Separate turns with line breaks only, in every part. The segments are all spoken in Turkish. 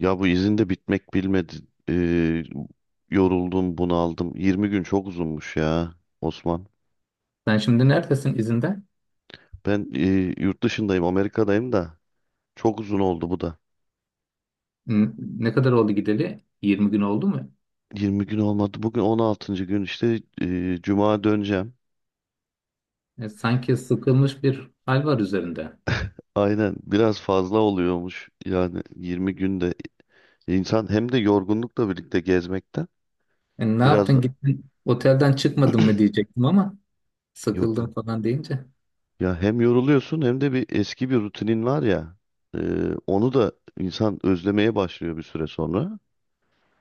Ya bu izin de bitmek bilmedi. Ee, Yoruldum, bunaldım. 20 gün çok uzunmuş ya Osman.
Sen şimdi neredesin izinde?
Ben yurt dışındayım, Amerika'dayım da çok uzun oldu bu da.
Ne kadar oldu gideli? 20 gün oldu mu?
20 gün olmadı. Bugün 16. gün işte Cuma döneceğim.
Sanki sıkılmış bir hal var üzerinde.
Aynen, biraz fazla oluyormuş. Yani 20 günde insan hem de yorgunlukla birlikte gezmekten
Ne
biraz
yaptın
da
gittin otelden çıkmadın mı diyecektim ama
yok.
sıkıldım falan deyince.
Ya hem yoruluyorsun hem de bir eski bir rutinin var ya. e, Onu da insan özlemeye başlıyor bir süre sonra.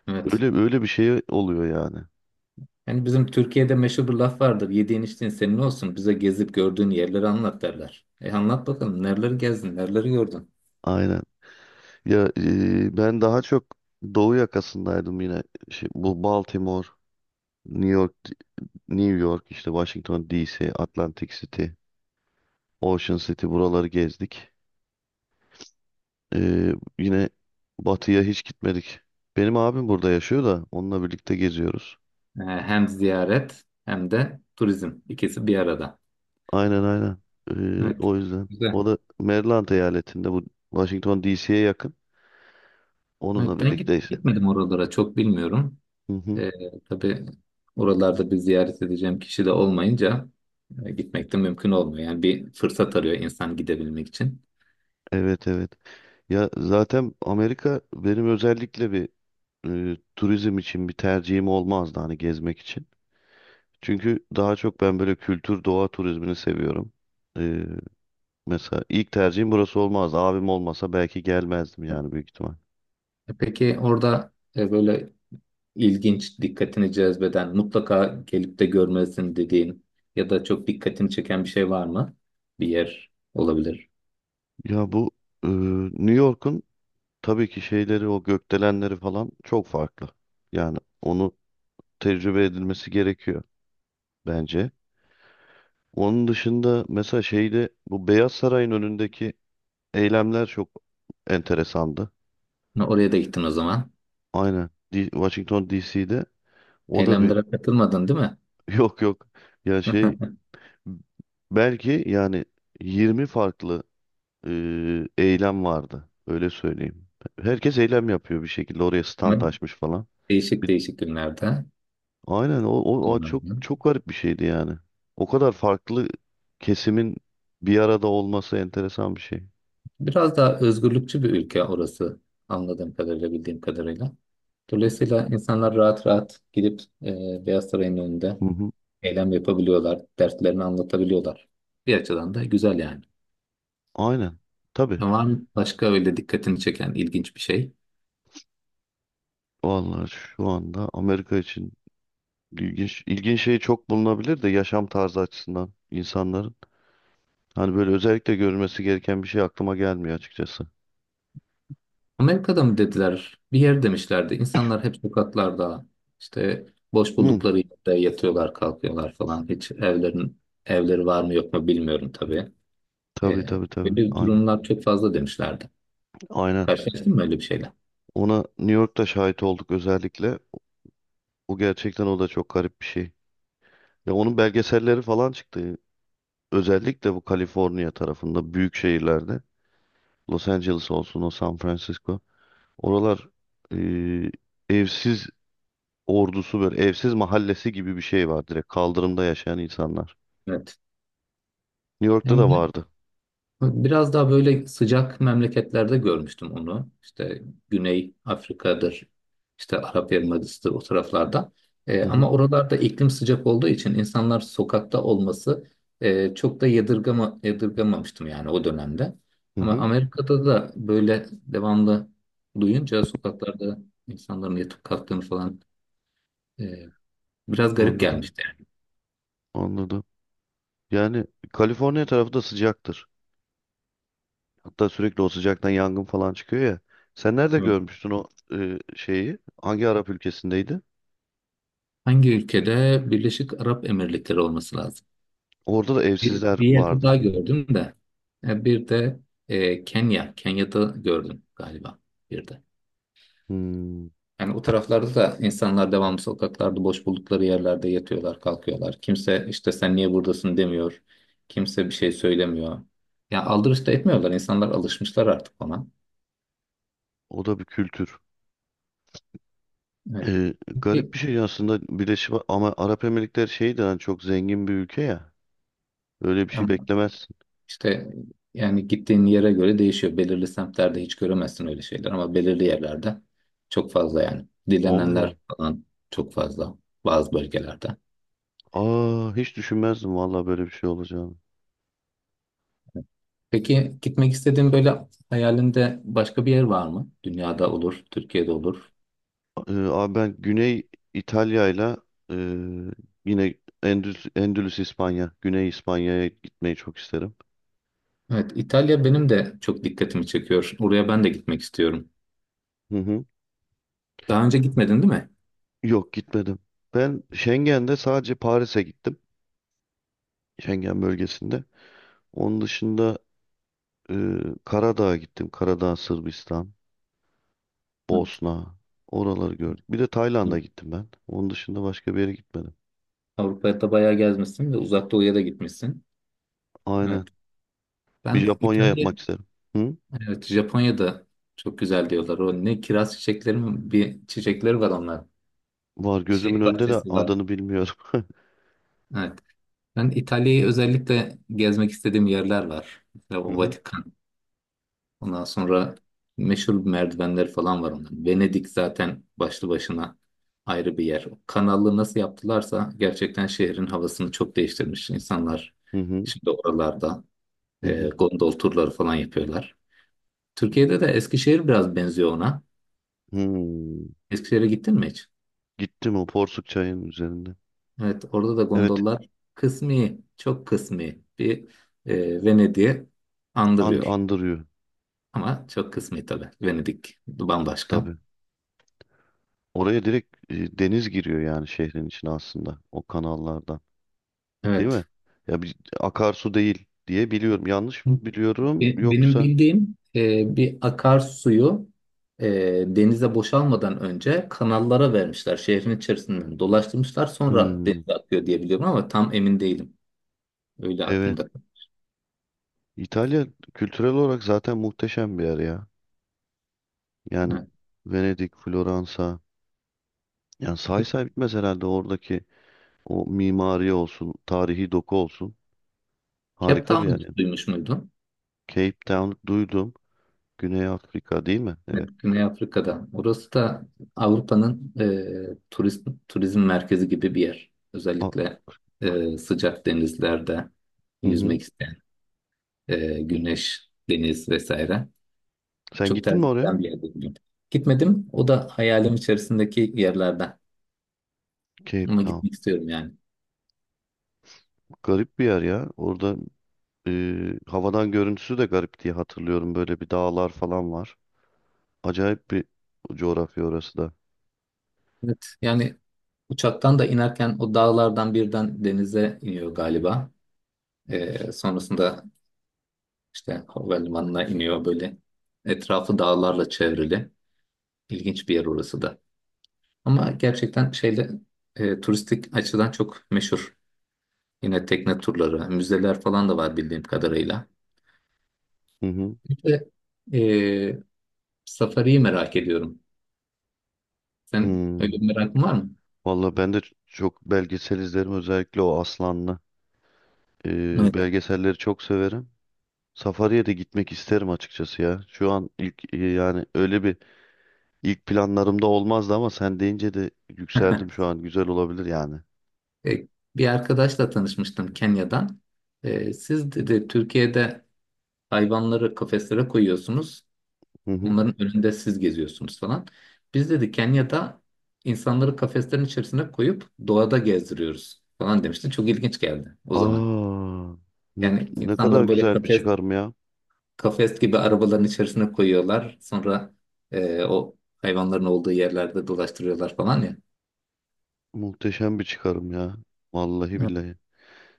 Evet.
Öyle öyle bir şey oluyor yani.
Yani bizim Türkiye'de meşhur bir laf vardır. Yediğin içtiğin senin olsun. Bize gezip gördüğün yerleri anlat derler. E anlat bakalım. Nereleri gezdin? Nereleri gördün?
Aynen. Ya ben daha çok Doğu yakasındaydım yine. Şey, bu Baltimore, New York, New York, işte Washington DC, Atlantic City, Ocean City buraları gezdik. E, Yine batıya hiç gitmedik. Benim abim burada yaşıyor da onunla birlikte geziyoruz.
Hem ziyaret hem de turizm. İkisi bir arada.
Aynen, aynen. E,
Evet.
o yüzden. O
Güzel.
da Maryland eyaletinde, bu Washington DC'ye yakın.
Evet,
Onunla
ben
birlikteyiz.
gitmedim oralara çok bilmiyorum.
Hı hı.
E, tabii oralarda bir ziyaret edeceğim kişi de olmayınca gitmek de mümkün olmuyor. Yani bir fırsat arıyor insan gidebilmek için.
Evet, evet. Ya zaten Amerika benim özellikle bir turizm için bir tercihim olmazdı, hani gezmek için. Çünkü daha çok ben böyle kültür doğa turizmini seviyorum. E, Mesela ilk tercihim burası olmazdı. Abim olmasa belki gelmezdim yani, büyük ihtimal.
Peki orada böyle ilginç, dikkatini cezbeden, mutlaka gelip de görmelisin dediğin ya da çok dikkatini çeken bir şey var mı? Bir yer olabilir.
Ya bu e, New York'un tabii ki şeyleri, o gökdelenleri falan çok farklı. Yani onu tecrübe edilmesi gerekiyor bence. Onun dışında mesela şeyde, bu Beyaz Saray'ın önündeki eylemler çok enteresandı.
Ne, oraya da gittin o zaman.
Aynen. Washington DC'de o da bir
Eylemlere katılmadın değil mi?
yok, yok. Ya şey, belki yani 20 farklı e, eylem vardı. Öyle söyleyeyim. Herkes eylem yapıyor bir şekilde. Oraya stand
Ama
açmış falan.
değişik
Bir,
değişik günlerde.
aynen o çok
Anladım.
çok garip bir şeydi yani. O kadar farklı kesimin bir arada olması enteresan bir şey.
Biraz daha özgürlükçü bir ülke orası, anladığım kadarıyla, bildiğim kadarıyla. Dolayısıyla insanlar rahat rahat gidip Beyaz Saray'ın önünde
Hı hı.
eylem yapabiliyorlar, dertlerini anlatabiliyorlar. Bir açıdan da güzel yani.
Aynen. Tabii.
Ama var mı başka öyle dikkatini çeken ilginç bir şey?
Vallahi şu anda Amerika için İlginç, ilginç şey çok bulunabilir de, yaşam tarzı açısından insanların. Hani böyle özellikle görülmesi gereken bir şey aklıma gelmiyor açıkçası.
Amerika'da mı dediler? Bir yer demişlerdi. İnsanlar hep sokaklarda işte boş
Hı,
buldukları yerde yatıyorlar, kalkıyorlar falan. Hiç evleri var mı yok mu bilmiyorum tabii.
tabii,
E,
tabii, tabii.
Böyle
Aynen.
durumlar çok fazla demişlerdi.
Aynen.
Karşılaştın mı öyle bir şeyle?
Ona New York'ta şahit olduk özellikle. O gerçekten, o da çok garip bir şey. Ya onun belgeselleri falan çıktı. Özellikle bu Kaliforniya tarafında büyük şehirlerde. Los Angeles olsun, o San Francisco. Oralar eee, evsiz ordusu, böyle evsiz mahallesi gibi bir şey var, direkt kaldırımda yaşayan insanlar.
Evet.
New York'ta
Hem
da vardı.
biraz daha böyle sıcak memleketlerde görmüştüm onu. İşte Güney Afrika'dır, işte Arap Yarımadası'dır o taraflarda.
Hı hı,
Ama oralarda iklim sıcak olduğu için insanlar sokakta olması çok da yadırgamamıştım yani o dönemde.
hı
Ama
hı.
Amerika'da da böyle devamlı duyunca sokaklarda insanların yatıp kalktığını falan e, biraz garip
Anladım,
gelmişti yani.
anladım. Yani Kaliforniya tarafı da sıcaktır. Hatta sürekli o sıcaktan yangın falan çıkıyor ya. Sen nerede
Evet.
görmüştün o şeyi? Hangi Arap ülkesindeydi?
Hangi ülkede? Birleşik Arap Emirlikleri olması lazım.
Orada da evsizler
Bir yerde
vardı.
daha gördüm de. Bir de Kenya. Kenya'da gördüm galiba bir de.
Hmm,
Yani o taraflarda da insanlar devamlı sokaklarda boş buldukları yerlerde yatıyorlar, kalkıyorlar. Kimse işte sen niye buradasın demiyor. Kimse bir şey söylemiyor. Ya aldırış da etmiyorlar. İnsanlar alışmışlar artık ona.
o da bir kültür.
Evet.
E, Garip
Peki,
bir şey aslında Birleşik ama Arap Emirlikleri şeyden, yani çok zengin bir ülke ya. Öyle bir şey beklemezsin.
İşte yani gittiğin yere göre değişiyor. Belirli semtlerde hiç göremezsin öyle şeyler ama belirli yerlerde çok fazla yani.
Allah.
Dilenenler falan çok fazla bazı bölgelerde.
Aa, hiç düşünmezdim vallahi böyle bir şey olacağını.
Peki gitmek istediğin böyle hayalinde başka bir yer var mı? Dünyada olur, Türkiye'de olur.
Abi ben Güney İtalya'yla ile e, yine Endülüs İspanya, Güney İspanya'ya gitmeyi çok isterim.
Evet, İtalya benim de çok dikkatimi çekiyor. Oraya ben de gitmek istiyorum.
Hı hı.
Daha önce gitmedin değil mi?
Yok, gitmedim. Ben Schengen'de sadece Paris'e gittim. Schengen bölgesinde. Onun dışında e, Karadağ'a gittim. Karadağ, Sırbistan, Bosna. Oraları gördük. Bir de
Evet.
Tayland'a gittim ben. Onun dışında başka bir yere gitmedim.
Avrupa'da bayağı gezmişsin ve Uzak Doğu'ya da gitmişsin.
Aynen.
Evet.
Bir
Ben
Japonya
İtalya.
yapmak isterim. Hı?
Evet, Japonya'da çok güzel diyorlar. O ne, kiraz çiçekleri mi? Bir çiçekleri var onlar.
Var gözümün
Çiçek
önünde de
bahçesi var.
adını bilmiyorum.
Evet. Ben İtalya'yı özellikle gezmek istediğim yerler var. Mesela
Hı
o
hı.
Vatikan. Ondan sonra meşhur merdivenleri falan var onların. Venedik zaten başlı başına ayrı bir yer. O kanalı nasıl yaptılarsa gerçekten şehrin havasını çok değiştirmiş. İnsanlar
Hı hı.
şimdi oralarda
Hı hı.
gondol turları falan yapıyorlar. Türkiye'de de Eskişehir biraz benziyor ona.
Hmm.
Eskişehir'e gittin mi hiç?
Gittim, o porsuk çayının üzerinde.
Evet, orada da
Evet,
gondollar kısmi, çok kısmi bir Venedik'i andırıyor.
andırıyor
Ama çok kısmi tabii. Venedik bambaşka.
tabii. Oraya direkt deniz giriyor yani şehrin içine, aslında o kanallardan. Değil mi?
Evet.
Ya bir akarsu değil diye biliyorum. Yanlış mı biliyorum
Benim
yoksa?
bildiğim bir akarsuyu e, denize boşalmadan önce kanallara vermişler. Şehrin içerisinden dolaştırmışlar. Sonra
Hmm,
denize akıyor diye biliyorum ama tam emin değilim. Öyle
evet.
aklımda.
İtalya kültürel olarak zaten muhteşem bir yer ya. Yani
Evet.
Venedik, Floransa. Yani say
Bu
say bitmez herhalde oradaki, o mimari olsun, tarihi doku olsun.
Cape
Harika bir yer
Town'u hiç
yani.
duymuş muydun?
Cape Town duydum. Güney Afrika değil mi?
Evet,
Evet.
Güney Afrika'da. Orası da Avrupa'nın turist, turizm merkezi gibi bir yer.
A-
Özellikle sıcak denizlerde
Hı hı.
yüzmek isteyen, güneş, deniz vesaire.
Sen
Çok
gittin mi
tercih
oraya?
edilen bir yer dedim. Gitmedim. O da hayalim içerisindeki yerlerden.
Cape
Ama
Town.
gitmek istiyorum yani.
Garip bir yer ya. Orada e, havadan görüntüsü de garip diye hatırlıyorum. Böyle bir dağlar falan var. Acayip bir coğrafya orası da.
Evet, yani uçaktan da inerken o dağlardan birden denize iniyor galiba. Sonrasında İşte havalimanına iniyor böyle. Etrafı dağlarla çevrili. İlginç bir yer orası da. Ama gerçekten şeyde turistik açıdan çok meşhur. Yine tekne turları, müzeler falan da var bildiğim kadarıyla.
Hı hı.
İşte de e, safariyi merak ediyorum. Sen öyle
Hmm.
bir merakın var mı?
Valla ben de çok belgesel izlerim. Özellikle o Aslanlı.
Evet.
Belgeselleri çok severim. Safari'ye de gitmek isterim açıkçası ya. Şu an ilk yani öyle bir ilk planlarımda olmazdı ama sen deyince de yükseldim şu an. Güzel olabilir yani.
E, Bir arkadaşla tanışmıştım Kenya'dan. Siz dedi Türkiye'de hayvanları kafeslere koyuyorsunuz.
Hı hı.
Onların önünde siz geziyorsunuz falan. Biz dedi Kenya'da insanları kafeslerin içerisine koyup doğada gezdiriyoruz falan demişti. Çok ilginç geldi o zaman.
Aa,
Yani
ne kadar
insanları böyle
güzel bir çıkarım ya.
kafes gibi arabaların içerisine koyuyorlar. Sonra o hayvanların olduğu yerlerde dolaştırıyorlar falan ya.
Muhteşem bir çıkarım ya. Vallahi
Hı.
billahi.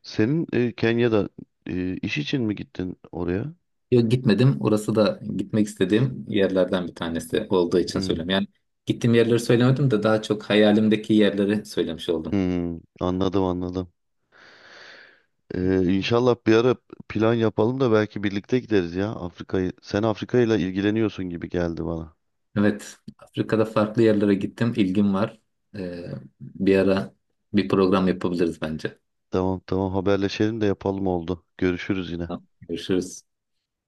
Senin Kenya'da iş için mi gittin oraya?
Yok gitmedim. Orası da gitmek istediğim yerlerden bir tanesi olduğu için
Hmm,
söylüyorum. Yani gittiğim yerleri söylemedim de daha çok hayalimdeki yerleri söylemiş oldum.
hmm, anladım, anladım. İnşallah bir ara plan yapalım da belki birlikte gideriz ya, Afrika'yı. Sen Afrika ile ilgileniyorsun gibi geldi bana.
Evet, Afrika'da farklı yerlere gittim. İlgim var. Ee, Bir ara bir program yapabiliriz bence.
Tamam, tamam, haberleşelim de yapalım, oldu. Görüşürüz yine.
Tamam. Görüşürüz.